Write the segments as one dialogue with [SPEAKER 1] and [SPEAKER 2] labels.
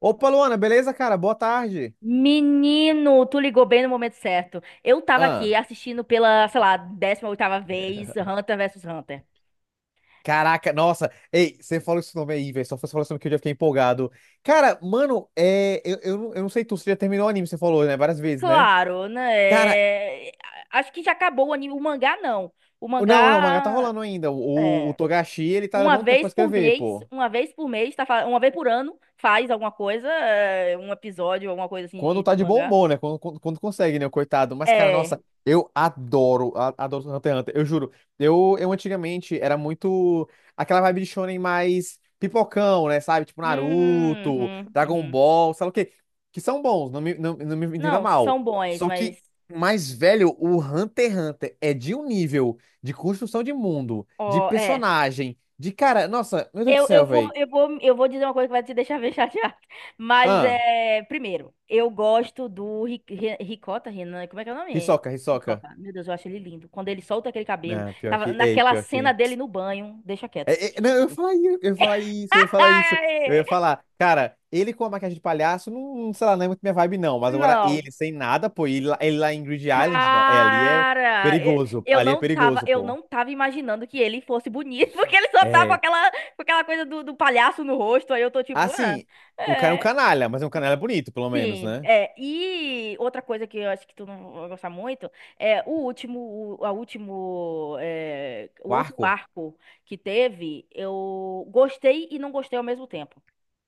[SPEAKER 1] Opa, Luana, beleza, cara? Boa tarde.
[SPEAKER 2] Menino, tu ligou bem no momento certo. Eu tava aqui
[SPEAKER 1] Ah,
[SPEAKER 2] assistindo pela, sei lá, décima oitava vez Hunter versus Hunter.
[SPEAKER 1] Caraca, nossa, ei, você falou esse nome aí, velho. Só você falou esse nome que eu já fiquei empolgado. Cara, mano, é, eu, não eu não sei tu, você já terminou o anime, você falou, né? Várias vezes, né?
[SPEAKER 2] Claro,
[SPEAKER 1] Cara,
[SPEAKER 2] né? é, Acho que já acabou o anime. O mangá, não. O
[SPEAKER 1] não, não, o mangá tá
[SPEAKER 2] mangá
[SPEAKER 1] rolando ainda. O
[SPEAKER 2] é
[SPEAKER 1] Togashi, ele tá
[SPEAKER 2] uma
[SPEAKER 1] levando tempo pra
[SPEAKER 2] vez por
[SPEAKER 1] escrever,
[SPEAKER 2] mês,
[SPEAKER 1] pô.
[SPEAKER 2] tá, uma vez por ano, faz alguma coisa, um episódio, alguma coisa assim
[SPEAKER 1] Quando
[SPEAKER 2] de,
[SPEAKER 1] tá
[SPEAKER 2] do
[SPEAKER 1] de bom
[SPEAKER 2] mangá.
[SPEAKER 1] humor, né? Quando consegue, né? O coitado. Mas, cara,
[SPEAKER 2] É.
[SPEAKER 1] nossa, eu adoro, adoro Hunter x Hunter, eu juro. Eu antigamente era muito aquela vibe de shonen mais pipocão, né? Sabe? Tipo
[SPEAKER 2] Uhum,
[SPEAKER 1] Naruto,
[SPEAKER 2] uhum,
[SPEAKER 1] Dragon
[SPEAKER 2] uhum.
[SPEAKER 1] Ball, sabe o quê? Que são bons, não me entenda
[SPEAKER 2] Não,
[SPEAKER 1] mal.
[SPEAKER 2] são bons,
[SPEAKER 1] Só que,
[SPEAKER 2] mas.
[SPEAKER 1] mais velho, o Hunter x Hunter é de um nível de construção de mundo, de
[SPEAKER 2] Ó, é.
[SPEAKER 1] personagem, de cara, nossa, meu Deus do
[SPEAKER 2] Eu, eu
[SPEAKER 1] céu,
[SPEAKER 2] vou,
[SPEAKER 1] velho.
[SPEAKER 2] eu vou, eu vou dizer uma coisa que vai te deixar bem chateado. Mas
[SPEAKER 1] Ah,
[SPEAKER 2] é, primeiro, eu gosto do Ricota, Renan, como é que é o nome?
[SPEAKER 1] Hisoka, Hisoka.
[SPEAKER 2] Ricota. Meu Deus, eu acho ele lindo. Quando ele solta aquele cabelo,
[SPEAKER 1] Não, pior
[SPEAKER 2] tava
[SPEAKER 1] que, ei,
[SPEAKER 2] naquela
[SPEAKER 1] pior
[SPEAKER 2] cena
[SPEAKER 1] que.
[SPEAKER 2] dele no banho, deixa quieto.
[SPEAKER 1] É, não, eu ia falar isso, eu ia falar isso, eu ia falar isso. Eu ia
[SPEAKER 2] Ai,
[SPEAKER 1] falar, cara, ele com a maquiagem de palhaço, não, sei lá, não é muito minha vibe, não. Mas agora
[SPEAKER 2] não.
[SPEAKER 1] ele sem nada, pô, ele lá em Grid Island, não. É, ali é
[SPEAKER 2] Cara, eu,
[SPEAKER 1] perigoso.
[SPEAKER 2] eu
[SPEAKER 1] Ali é
[SPEAKER 2] não tava,
[SPEAKER 1] perigoso,
[SPEAKER 2] eu
[SPEAKER 1] pô.
[SPEAKER 2] não tava imaginando que ele fosse bonito, porque ele só tá
[SPEAKER 1] É.
[SPEAKER 2] com aquela coisa do, do palhaço no rosto. Aí eu tô tipo, ah,
[SPEAKER 1] Assim, o cara é um
[SPEAKER 2] é.
[SPEAKER 1] canalha, mas é um canalha bonito, pelo menos,
[SPEAKER 2] Sim,
[SPEAKER 1] né?
[SPEAKER 2] é, e outra coisa que eu acho que tu não vai gostar muito é o último, o, a último, o
[SPEAKER 1] O
[SPEAKER 2] último
[SPEAKER 1] arco.
[SPEAKER 2] arco que teve, eu gostei e não gostei ao mesmo tempo.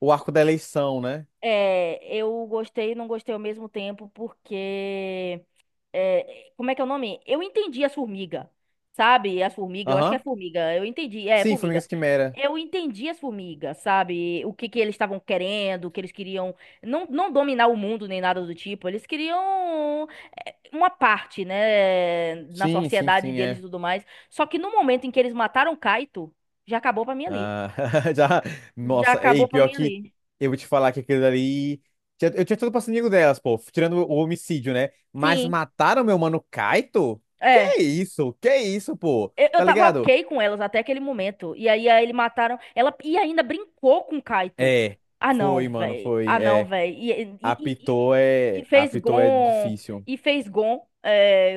[SPEAKER 1] O arco da eleição, né?
[SPEAKER 2] É, eu gostei e não gostei ao mesmo tempo porque, como é que é o nome? Eu entendi as formigas, sabe? As formigas, eu acho que é
[SPEAKER 1] Aham.
[SPEAKER 2] formiga, eu entendi, é,
[SPEAKER 1] Sim,
[SPEAKER 2] formiga.
[SPEAKER 1] Formigas Quimera.
[SPEAKER 2] Eu entendi as formigas, sabe? O que que eles estavam querendo, o que eles queriam não dominar o mundo nem nada do tipo. Eles queriam uma parte, né, na
[SPEAKER 1] Sim, sim,
[SPEAKER 2] sociedade
[SPEAKER 1] sim,
[SPEAKER 2] deles e
[SPEAKER 1] é.
[SPEAKER 2] tudo mais. Só que no momento em que eles mataram Kaito, já acabou pra mim ali.
[SPEAKER 1] Ah, já.
[SPEAKER 2] Já
[SPEAKER 1] Nossa,
[SPEAKER 2] acabou
[SPEAKER 1] ei,
[SPEAKER 2] pra
[SPEAKER 1] pior
[SPEAKER 2] mim
[SPEAKER 1] que
[SPEAKER 2] ali.
[SPEAKER 1] eu vou te falar que aquilo ali. Eu tinha todo o passaninho delas, pô, tirando o homicídio, né? Mas
[SPEAKER 2] Sim,
[SPEAKER 1] mataram meu mano Kaito? Que
[SPEAKER 2] é.
[SPEAKER 1] isso? Que isso, pô?
[SPEAKER 2] Eu
[SPEAKER 1] Tá
[SPEAKER 2] tava
[SPEAKER 1] ligado?
[SPEAKER 2] ok com elas até aquele momento. E aí, aí ele mataram. Ela e ainda brincou com o Kaito.
[SPEAKER 1] É,
[SPEAKER 2] Ah, não,
[SPEAKER 1] foi, mano,
[SPEAKER 2] velho.
[SPEAKER 1] foi.
[SPEAKER 2] Ah, não,
[SPEAKER 1] É,
[SPEAKER 2] velho. E, e,
[SPEAKER 1] apitou
[SPEAKER 2] e
[SPEAKER 1] é.
[SPEAKER 2] fez
[SPEAKER 1] Apitou é
[SPEAKER 2] Gon.
[SPEAKER 1] difícil.
[SPEAKER 2] E fez Gon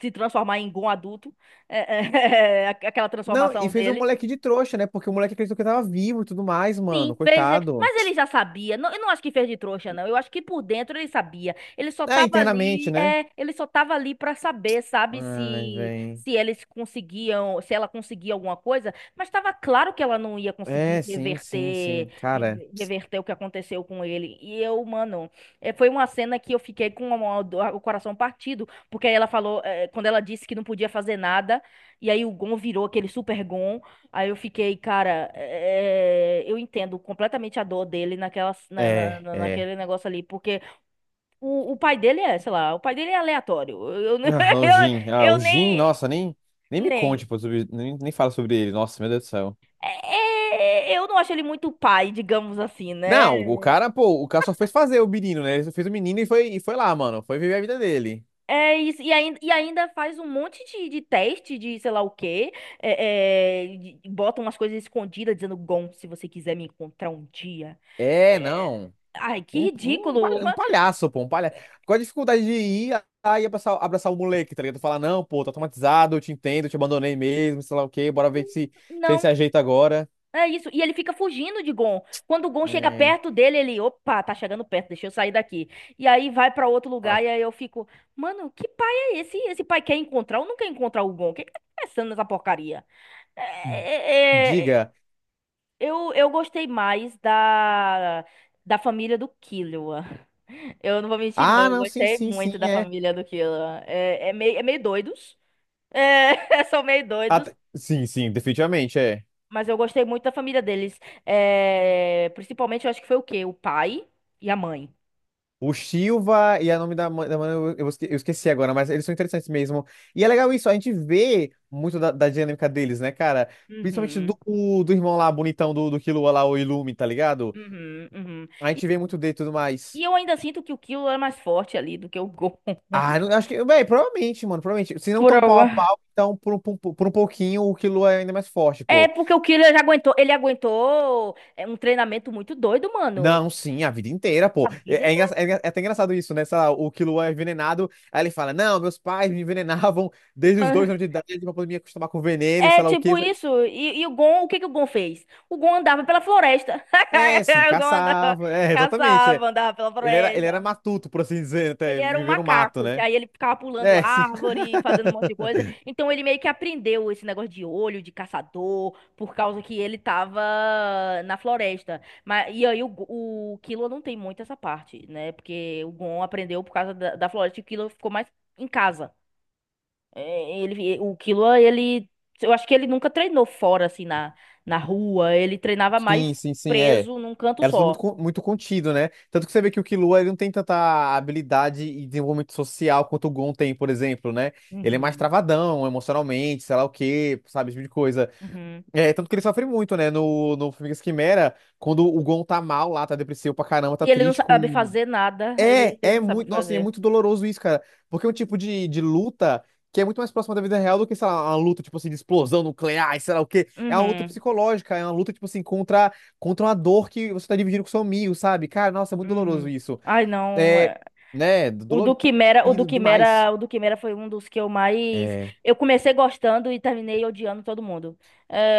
[SPEAKER 2] se transformar em Gon adulto. É, é, aquela
[SPEAKER 1] Não, e
[SPEAKER 2] transformação
[SPEAKER 1] fez o
[SPEAKER 2] dele.
[SPEAKER 1] moleque de trouxa, né? Porque o moleque acreditou que tava vivo e tudo mais,
[SPEAKER 2] Sim,
[SPEAKER 1] mano,
[SPEAKER 2] fez.
[SPEAKER 1] coitado.
[SPEAKER 2] Mas ele já sabia. Não, eu não acho que fez de trouxa, não. Eu acho que por dentro ele sabia. Ele só
[SPEAKER 1] É,
[SPEAKER 2] tava
[SPEAKER 1] internamente,
[SPEAKER 2] ali,
[SPEAKER 1] né?
[SPEAKER 2] ele só tava ali para saber, sabe,
[SPEAKER 1] Ai, vem.
[SPEAKER 2] se eles conseguiam, se ela conseguia alguma coisa, mas estava claro que ela não ia conseguir
[SPEAKER 1] É, sim, sim,
[SPEAKER 2] reverter
[SPEAKER 1] sim. Cara.
[SPEAKER 2] reverter o que aconteceu com ele. E eu, mano, é, foi uma cena que eu fiquei com o coração partido, porque aí ela falou, é, quando ela disse que não podia fazer nada, e aí o Gon virou aquele super Gon. Aí eu fiquei, cara, eu entendo completamente a dor dele naquela,
[SPEAKER 1] É, é.
[SPEAKER 2] naquele negócio ali, porque o pai dele é, sei lá, o pai dele é aleatório.
[SPEAKER 1] Ah, o
[SPEAKER 2] Eu,
[SPEAKER 1] Jin. Ah,
[SPEAKER 2] eu
[SPEAKER 1] o Jin,
[SPEAKER 2] nem,
[SPEAKER 1] nossa, nem, nem, me conte,
[SPEAKER 2] nem,
[SPEAKER 1] pô, sobre, nem fala sobre ele. Nossa, meu Deus do céu.
[SPEAKER 2] é- é- eu não acho ele muito pai, digamos assim,
[SPEAKER 1] Não, o
[SPEAKER 2] né?
[SPEAKER 1] cara, pô, o cara só fez fazer o menino, né? Ele só fez o menino e foi lá, mano. Foi viver a vida dele.
[SPEAKER 2] É isso, e ainda faz um monte de teste de sei lá o quê. É, é, bota umas coisas escondidas dizendo, Gon, se você quiser me encontrar um dia.
[SPEAKER 1] É,
[SPEAKER 2] É,
[SPEAKER 1] não.
[SPEAKER 2] ai, que
[SPEAKER 1] Um, um,
[SPEAKER 2] ridículo.
[SPEAKER 1] palha- um
[SPEAKER 2] Mas,
[SPEAKER 1] palhaço, pô, um palhaço. Qual a dificuldade de ir lá e abraçar, abraçar o moleque, tá ligado? Falar, não, pô, tá traumatizado, eu te entendo, eu te abandonei mesmo, sei lá o quê, bora
[SPEAKER 2] hum,
[SPEAKER 1] ver se, ele se
[SPEAKER 2] não.
[SPEAKER 1] ajeita agora.
[SPEAKER 2] É isso, e ele fica fugindo de Gon. Quando o Gon chega
[SPEAKER 1] É,
[SPEAKER 2] perto dele, ele, opa, tá chegando perto, deixa eu sair daqui. E aí vai pra outro
[SPEAKER 1] ó,
[SPEAKER 2] lugar e aí eu fico, mano, que pai é esse? Esse pai quer encontrar ou não quer encontrar o Gon? O que que tá pensando nessa porcaria? É, é, é,
[SPEAKER 1] diga.
[SPEAKER 2] eu gostei mais da família do Killua. Eu não vou mentir, não,
[SPEAKER 1] Ah,
[SPEAKER 2] eu
[SPEAKER 1] não, sim,
[SPEAKER 2] gostei
[SPEAKER 1] sim,
[SPEAKER 2] muito
[SPEAKER 1] sim,
[SPEAKER 2] da
[SPEAKER 1] é.
[SPEAKER 2] família do Killua. É, é meio doidos. É, são meio doidos.
[SPEAKER 1] Sim, sim, definitivamente, é.
[SPEAKER 2] Mas eu gostei muito da família deles. É, principalmente, eu acho que foi o quê? O pai e a mãe.
[SPEAKER 1] O Silva e a nome da, da mana, eu esqueci agora, mas eles são interessantes mesmo. E é legal isso, a gente vê muito da, dinâmica deles, né, cara? Principalmente do,
[SPEAKER 2] Uhum,
[SPEAKER 1] do, irmão lá, bonitão do Killua lá, o Illumi, tá ligado?
[SPEAKER 2] uhum, uhum.
[SPEAKER 1] A
[SPEAKER 2] E,
[SPEAKER 1] gente vê muito dele e tudo
[SPEAKER 2] e
[SPEAKER 1] mais.
[SPEAKER 2] eu ainda sinto que o Killua é mais forte ali do que o Gon.
[SPEAKER 1] Ah, não, acho que, bem, provavelmente, mano, provavelmente. Se não
[SPEAKER 2] Por
[SPEAKER 1] tão pau a
[SPEAKER 2] alguma-
[SPEAKER 1] pau, então por um pouquinho o Killua é ainda mais forte,
[SPEAKER 2] É
[SPEAKER 1] pô.
[SPEAKER 2] porque o Killua já aguentou, ele aguentou é, um treinamento muito doido, mano.
[SPEAKER 1] Não, sim, a vida inteira,
[SPEAKER 2] A
[SPEAKER 1] pô.
[SPEAKER 2] vida
[SPEAKER 1] É, é, engra-
[SPEAKER 2] inteira.
[SPEAKER 1] é engra- é até engraçado isso, né? Sei lá, o Killua é envenenado, aí ele fala: Não, meus pais me envenenavam desde os
[SPEAKER 2] Quan-
[SPEAKER 1] 2 anos de idade pra poder me acostumar com veneno e
[SPEAKER 2] É
[SPEAKER 1] sei lá o quê.
[SPEAKER 2] tipo
[SPEAKER 1] Sabe?
[SPEAKER 2] isso. E o Gon, o que que o Gon fez? O Gon andava pela floresta.
[SPEAKER 1] É, sim,
[SPEAKER 2] O Gon andava,
[SPEAKER 1] caçava. É, exatamente. É.
[SPEAKER 2] caçava, andava pela
[SPEAKER 1] Ele era
[SPEAKER 2] floresta.
[SPEAKER 1] matuto, por assim dizer,
[SPEAKER 2] Ele
[SPEAKER 1] até
[SPEAKER 2] era um
[SPEAKER 1] viver no mato,
[SPEAKER 2] macaco, que
[SPEAKER 1] né?
[SPEAKER 2] aí ele ficava pulando
[SPEAKER 1] É, sim.
[SPEAKER 2] árvore, fazendo um monte de coisa. Então ele meio que aprendeu esse negócio de olho, de caçador, por causa que ele tava na floresta. Mas, e aí o Killua não tem muito essa parte, né? Porque o Gon aprendeu por causa da, da floresta e o Killua ficou mais em casa. É, ele, o Killua, ele. Eu acho que ele nunca treinou fora, assim, na rua. Ele treinava
[SPEAKER 1] Sim,
[SPEAKER 2] mais
[SPEAKER 1] sim, sim, é.
[SPEAKER 2] preso num canto
[SPEAKER 1] Era tudo muito,
[SPEAKER 2] só.
[SPEAKER 1] con- muito contido, né? Tanto que você vê que o Killua ele não tem tanta habilidade e desenvolvimento social quanto o Gon tem, por exemplo, né? Ele é mais
[SPEAKER 2] Uhum.
[SPEAKER 1] travadão emocionalmente, sei lá o quê, sabe, esse tipo de coisa.
[SPEAKER 2] Uhum.
[SPEAKER 1] É, tanto que ele sofre muito, né? No Formigas Quimera, quando o Gon tá mal lá, tá depressivo pra caramba, tá
[SPEAKER 2] E ele não
[SPEAKER 1] triste
[SPEAKER 2] sabe
[SPEAKER 1] com.
[SPEAKER 2] fazer nada. Ele,
[SPEAKER 1] É,
[SPEAKER 2] ele
[SPEAKER 1] é
[SPEAKER 2] não sabe o
[SPEAKER 1] muito.
[SPEAKER 2] que
[SPEAKER 1] Nossa, e é
[SPEAKER 2] fazer.
[SPEAKER 1] muito doloroso isso, cara. Porque é um tipo de luta que é muito mais próxima da vida real do que, sei lá, uma luta, tipo assim, de explosão nuclear, e sei lá o quê. É uma luta
[SPEAKER 2] Uhum.
[SPEAKER 1] psicológica, é uma luta, tipo assim, contra, uma dor que você tá dividindo com seu amigo, sabe? Cara, nossa, é muito doloroso
[SPEAKER 2] Uhum.
[SPEAKER 1] isso.
[SPEAKER 2] Ai, não.
[SPEAKER 1] É,
[SPEAKER 2] É.
[SPEAKER 1] né?
[SPEAKER 2] O do
[SPEAKER 1] Dolorido
[SPEAKER 2] Quimera, o do
[SPEAKER 1] demais.
[SPEAKER 2] Quimera, o do Quimera foi um dos que eu mais.
[SPEAKER 1] É.
[SPEAKER 2] Eu comecei gostando e terminei odiando todo mundo.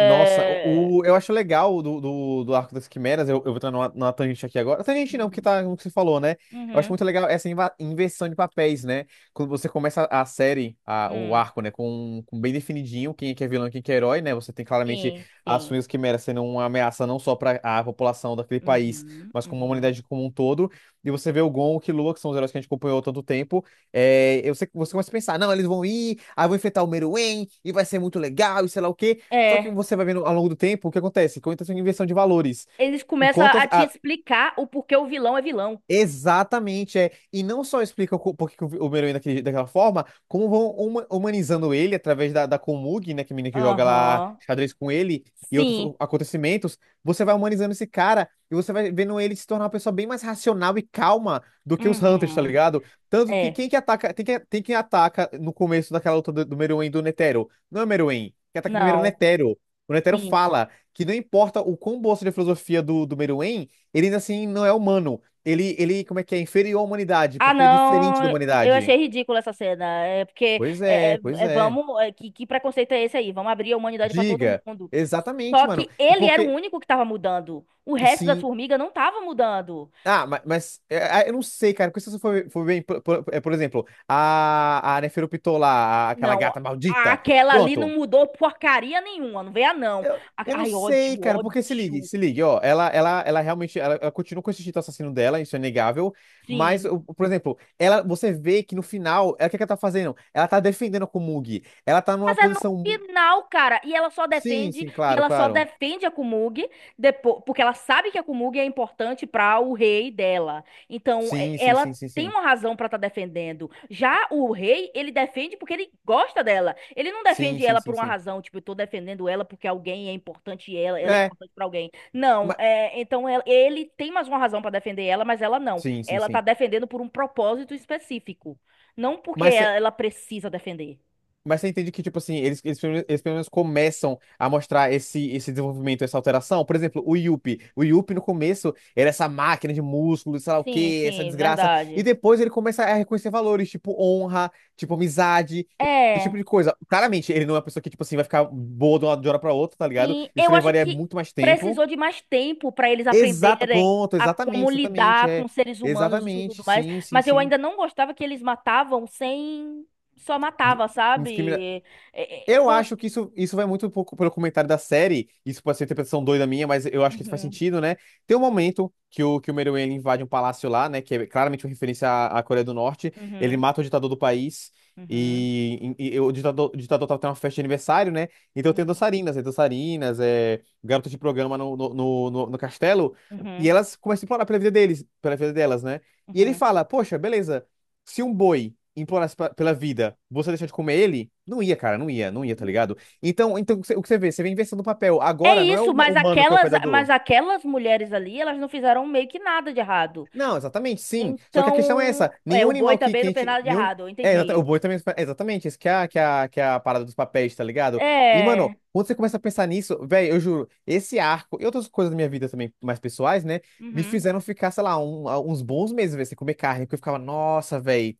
[SPEAKER 1] Nossa, o, eu acho legal do, Arco das Quimeras, eu vou entrar numa tangente aqui agora. Tangente não, porque
[SPEAKER 2] Uhum.
[SPEAKER 1] tá no que você falou, né? Eu acho muito
[SPEAKER 2] Uhum.
[SPEAKER 1] legal essa inversão de papéis, né? Quando você começa a série, o
[SPEAKER 2] Hum.
[SPEAKER 1] arco, né, com bem definidinho quem é que é vilão e quem é que é herói, né? Você tem claramente
[SPEAKER 2] Sim,
[SPEAKER 1] as
[SPEAKER 2] sim.
[SPEAKER 1] suas quimeras sendo uma ameaça não só para a população daquele país,
[SPEAKER 2] Uhum.
[SPEAKER 1] mas como a
[SPEAKER 2] Uhum.
[SPEAKER 1] humanidade como um todo. E você vê o Gon, o Killua, que são os heróis que a gente acompanhou há tanto tempo, é, eu sei, que você começa a pensar, não, eles vão ir, aí vão enfrentar o Meruem, e vai ser muito legal, e sei lá o quê. Só que
[SPEAKER 2] É.
[SPEAKER 1] você vai vendo ao longo do tempo o que acontece, com a intenção de inversão de valores.
[SPEAKER 2] Eles começam
[SPEAKER 1] Enquanto
[SPEAKER 2] a te explicar o porquê o vilão é vilão.
[SPEAKER 1] Exatamente, é. E não só explica por que que o Homero é daquela forma, como vão humanizando ele através da, Komug, né, que é a menina que joga lá
[SPEAKER 2] Aham.
[SPEAKER 1] xadrez com ele e outros
[SPEAKER 2] Sim.
[SPEAKER 1] acontecimentos. Você vai humanizando esse cara e você vai vendo ele se tornar uma pessoa bem mais racional e calma do que os Hunters, tá
[SPEAKER 2] Uhum.
[SPEAKER 1] ligado? Tanto que
[SPEAKER 2] É.
[SPEAKER 1] quem que ataca, tem quem ataca no começo daquela luta do, Meruem e do Netero. Não é o Meruem, que ataca primeiro é o
[SPEAKER 2] Não.
[SPEAKER 1] Netero. O Netero fala que não importa o quão boa seja a filosofia do Meruem, ele ainda assim não é humano. Como é que é? Inferior à humanidade,
[SPEAKER 2] Ah,
[SPEAKER 1] porque ele é diferente da
[SPEAKER 2] não, eu
[SPEAKER 1] humanidade.
[SPEAKER 2] achei ridícula essa cena. É porque
[SPEAKER 1] Pois é, pois é.
[SPEAKER 2] vamos, é, que preconceito é esse aí? Vamos abrir a humanidade pra todo
[SPEAKER 1] Diga.
[SPEAKER 2] mundo.
[SPEAKER 1] Exatamente,
[SPEAKER 2] Só
[SPEAKER 1] mano.
[SPEAKER 2] que
[SPEAKER 1] E
[SPEAKER 2] ele era o
[SPEAKER 1] porque,
[SPEAKER 2] único que tava mudando. O resto das
[SPEAKER 1] sim.
[SPEAKER 2] formigas não tava mudando.
[SPEAKER 1] Ah, mas, eu não sei, cara. Porque se você for bem, por exemplo, a Neferupitô lá, aquela
[SPEAKER 2] Não,
[SPEAKER 1] gata maldita.
[SPEAKER 2] aquela ali não
[SPEAKER 1] Pronto.
[SPEAKER 2] mudou porcaria nenhuma, não veio a não.
[SPEAKER 1] Eu, eu não
[SPEAKER 2] Ai,
[SPEAKER 1] sei,
[SPEAKER 2] ódio,
[SPEAKER 1] cara. Porque se ligue,
[SPEAKER 2] ódio.
[SPEAKER 1] se ligue, ó. Ela realmente. Ela continua com esse instinto assassino dela, isso é inegável. Mas,
[SPEAKER 2] Sim.
[SPEAKER 1] por exemplo, ela, você vê que no final, é o que que ela tá fazendo? Ela tá defendendo a Komugi. Ela tá
[SPEAKER 2] Mas
[SPEAKER 1] numa
[SPEAKER 2] é no
[SPEAKER 1] posição.
[SPEAKER 2] final, cara. E ela só
[SPEAKER 1] Sim,
[SPEAKER 2] defende,
[SPEAKER 1] sim,
[SPEAKER 2] e
[SPEAKER 1] claro,
[SPEAKER 2] ela só
[SPEAKER 1] claro.
[SPEAKER 2] defende a Kumug depois, porque ela sabe que a Kumug é importante para o rei dela. Então,
[SPEAKER 1] Sim, sim,
[SPEAKER 2] ela
[SPEAKER 1] sim, sim,
[SPEAKER 2] tem
[SPEAKER 1] sim.
[SPEAKER 2] uma razão para estar defendendo. Já o rei, ele defende porque ele gosta dela. Ele não
[SPEAKER 1] Sim,
[SPEAKER 2] defende
[SPEAKER 1] sim,
[SPEAKER 2] ela por
[SPEAKER 1] sim,
[SPEAKER 2] uma
[SPEAKER 1] sim.
[SPEAKER 2] razão, tipo, eu tô defendendo ela porque alguém é importante e ela é
[SPEAKER 1] É,
[SPEAKER 2] importante para alguém. Não,
[SPEAKER 1] mas...
[SPEAKER 2] é, então ele tem mais uma razão para defender ela, mas ela não.
[SPEAKER 1] Sim, sim,
[SPEAKER 2] Ela tá
[SPEAKER 1] sim.
[SPEAKER 2] defendendo por um propósito específico, não porque
[SPEAKER 1] Mas você
[SPEAKER 2] ela precisa defender.
[SPEAKER 1] mas você entende que, tipo assim, pelo menos eles pelo menos começam a mostrar esse, desenvolvimento, essa alteração. Por exemplo, o Yuppie. O Yuppie, no começo, era essa máquina de músculos, sei lá o
[SPEAKER 2] Sim,
[SPEAKER 1] quê, essa
[SPEAKER 2] sim,
[SPEAKER 1] desgraça. E
[SPEAKER 2] verdade.
[SPEAKER 1] depois ele começa a reconhecer valores, tipo honra, tipo amizade, esse tipo
[SPEAKER 2] É,
[SPEAKER 1] de coisa. Claramente, ele não é uma pessoa que, tipo assim, vai ficar boa de uma hora pra outra, tá ligado?
[SPEAKER 2] sim,
[SPEAKER 1] Isso
[SPEAKER 2] eu acho
[SPEAKER 1] levaria
[SPEAKER 2] que
[SPEAKER 1] muito mais tempo.
[SPEAKER 2] precisou de mais tempo para eles aprenderem
[SPEAKER 1] Pronto,
[SPEAKER 2] a como
[SPEAKER 1] exatamente, exatamente,
[SPEAKER 2] lidar com
[SPEAKER 1] é.
[SPEAKER 2] seres humanos e isso tudo
[SPEAKER 1] Exatamente,
[SPEAKER 2] mais,
[SPEAKER 1] sim, sim,
[SPEAKER 2] mas eu
[SPEAKER 1] sim.
[SPEAKER 2] ainda não gostava que eles matavam sem só
[SPEAKER 1] D-
[SPEAKER 2] matava,
[SPEAKER 1] indiscrimina-
[SPEAKER 2] sabe? É, é,
[SPEAKER 1] Eu
[SPEAKER 2] quan-
[SPEAKER 1] acho que isso vai muito pouco pelo comentário da série. Isso pode ser interpretação doida minha, mas eu acho que isso faz
[SPEAKER 2] Uhum,
[SPEAKER 1] sentido, né? Tem um momento que o, Meruem ele invade um palácio lá, né? Que é claramente uma referência à Coreia do Norte. Ele
[SPEAKER 2] uhum,
[SPEAKER 1] mata o ditador do país.
[SPEAKER 2] uhum,
[SPEAKER 1] E o ditador tava tendo uma festa de aniversário, né? Então tem
[SPEAKER 2] uhum,
[SPEAKER 1] dançarinas, é garotas de programa no castelo. E
[SPEAKER 2] uhum,
[SPEAKER 1] elas começam a implorar pela vida deles, pela vida delas, né? E ele
[SPEAKER 2] uhum.
[SPEAKER 1] fala, poxa, beleza se um boi implorasse pela vida, você deixar de comer ele? Não ia, cara, não ia, não ia, tá ligado? Então o que você vê? Você vê a inversão do papel.
[SPEAKER 2] É
[SPEAKER 1] Agora não é o
[SPEAKER 2] isso, mas
[SPEAKER 1] humano que é o
[SPEAKER 2] mas
[SPEAKER 1] predador.
[SPEAKER 2] aquelas mulheres ali, elas não fizeram meio que nada de errado.
[SPEAKER 1] Não, exatamente, sim. Só que a questão é essa:
[SPEAKER 2] Então, é,
[SPEAKER 1] nenhum
[SPEAKER 2] o boi
[SPEAKER 1] animal que,
[SPEAKER 2] também
[SPEAKER 1] que a
[SPEAKER 2] não fez
[SPEAKER 1] gente.
[SPEAKER 2] nada de
[SPEAKER 1] Nenhum...
[SPEAKER 2] errado, eu
[SPEAKER 1] É, o
[SPEAKER 2] entendi.
[SPEAKER 1] boi também. É exatamente, isso que é, que é a parada dos papéis, tá ligado? E, mano,
[SPEAKER 2] É,
[SPEAKER 1] quando você começa a pensar nisso, velho, eu juro, esse arco e outras coisas da minha vida também, mais pessoais, né? Me
[SPEAKER 2] uhum,
[SPEAKER 1] fizeram ficar, sei lá, uns bons meses, velho, sem comer carne, porque eu ficava, nossa, velho,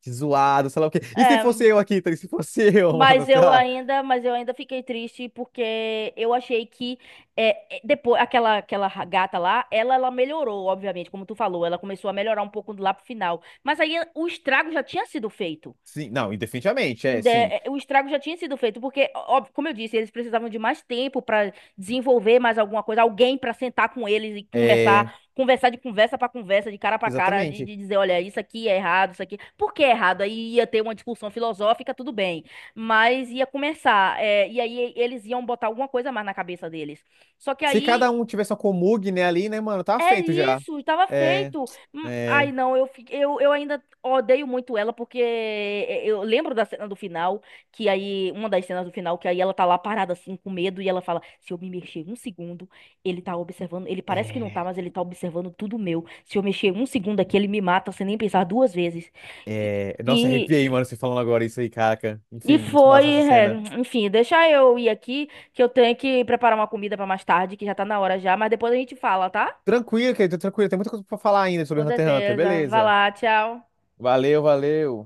[SPEAKER 1] que zoado, sei lá o quê. E se fosse
[SPEAKER 2] é,
[SPEAKER 1] eu aqui, tá? E se fosse eu, mano, sei lá.
[SPEAKER 2] mas eu ainda fiquei triste porque eu achei que é, é, depois aquela gata lá, ela melhorou, obviamente, como tu falou, ela começou a melhorar um pouco lá pro final, mas aí o estrago já tinha sido feito.
[SPEAKER 1] Sim, não, e definitivamente, é, sim.
[SPEAKER 2] O estrago já tinha sido feito, porque, óbvio, como eu disse, eles precisavam de mais tempo para desenvolver mais alguma coisa, alguém para sentar com eles e conversar,
[SPEAKER 1] É,
[SPEAKER 2] conversar de conversa para conversa, de cara para cara,
[SPEAKER 1] exatamente.
[SPEAKER 2] de dizer, olha, isso aqui é errado, isso aqui, por que é errado? Aí ia ter uma discussão filosófica, tudo bem, mas ia começar, é, e aí eles iam botar alguma coisa mais na cabeça deles. Só que
[SPEAKER 1] Se cada
[SPEAKER 2] aí
[SPEAKER 1] um tivesse uma Komug, né, ali, né, mano, tá
[SPEAKER 2] é
[SPEAKER 1] feito já.
[SPEAKER 2] isso, estava
[SPEAKER 1] É.
[SPEAKER 2] feito. Ai,
[SPEAKER 1] É.
[SPEAKER 2] não, eu ainda odeio muito ela, porque é, é, eu lembro da cena do final, que aí, uma das cenas do final, que aí ela tá lá parada assim, com medo, e ela fala: se eu me mexer um segundo, ele tá observando, ele parece que não tá,
[SPEAKER 1] É.
[SPEAKER 2] mas ele tá observando tudo meu. Se eu mexer um segundo aqui, ele me mata sem nem pensar duas vezes. E,
[SPEAKER 1] É. Nossa, arrepiei,
[SPEAKER 2] e,
[SPEAKER 1] mano, você falando agora isso aí, caraca.
[SPEAKER 2] e
[SPEAKER 1] Enfim, muito
[SPEAKER 2] foi,
[SPEAKER 1] massa essa
[SPEAKER 2] é,
[SPEAKER 1] cena.
[SPEAKER 2] enfim, deixa eu ir aqui, que eu tenho que preparar uma comida pra mais tarde, que já tá na hora já, mas depois a gente fala, tá?
[SPEAKER 1] Tranquilo, querido, tranquilo. Tem muita coisa pra falar ainda sobre
[SPEAKER 2] Com
[SPEAKER 1] Hunter x Hunter.
[SPEAKER 2] certeza. Vai
[SPEAKER 1] Beleza.
[SPEAKER 2] lá, tchau.
[SPEAKER 1] Valeu, valeu.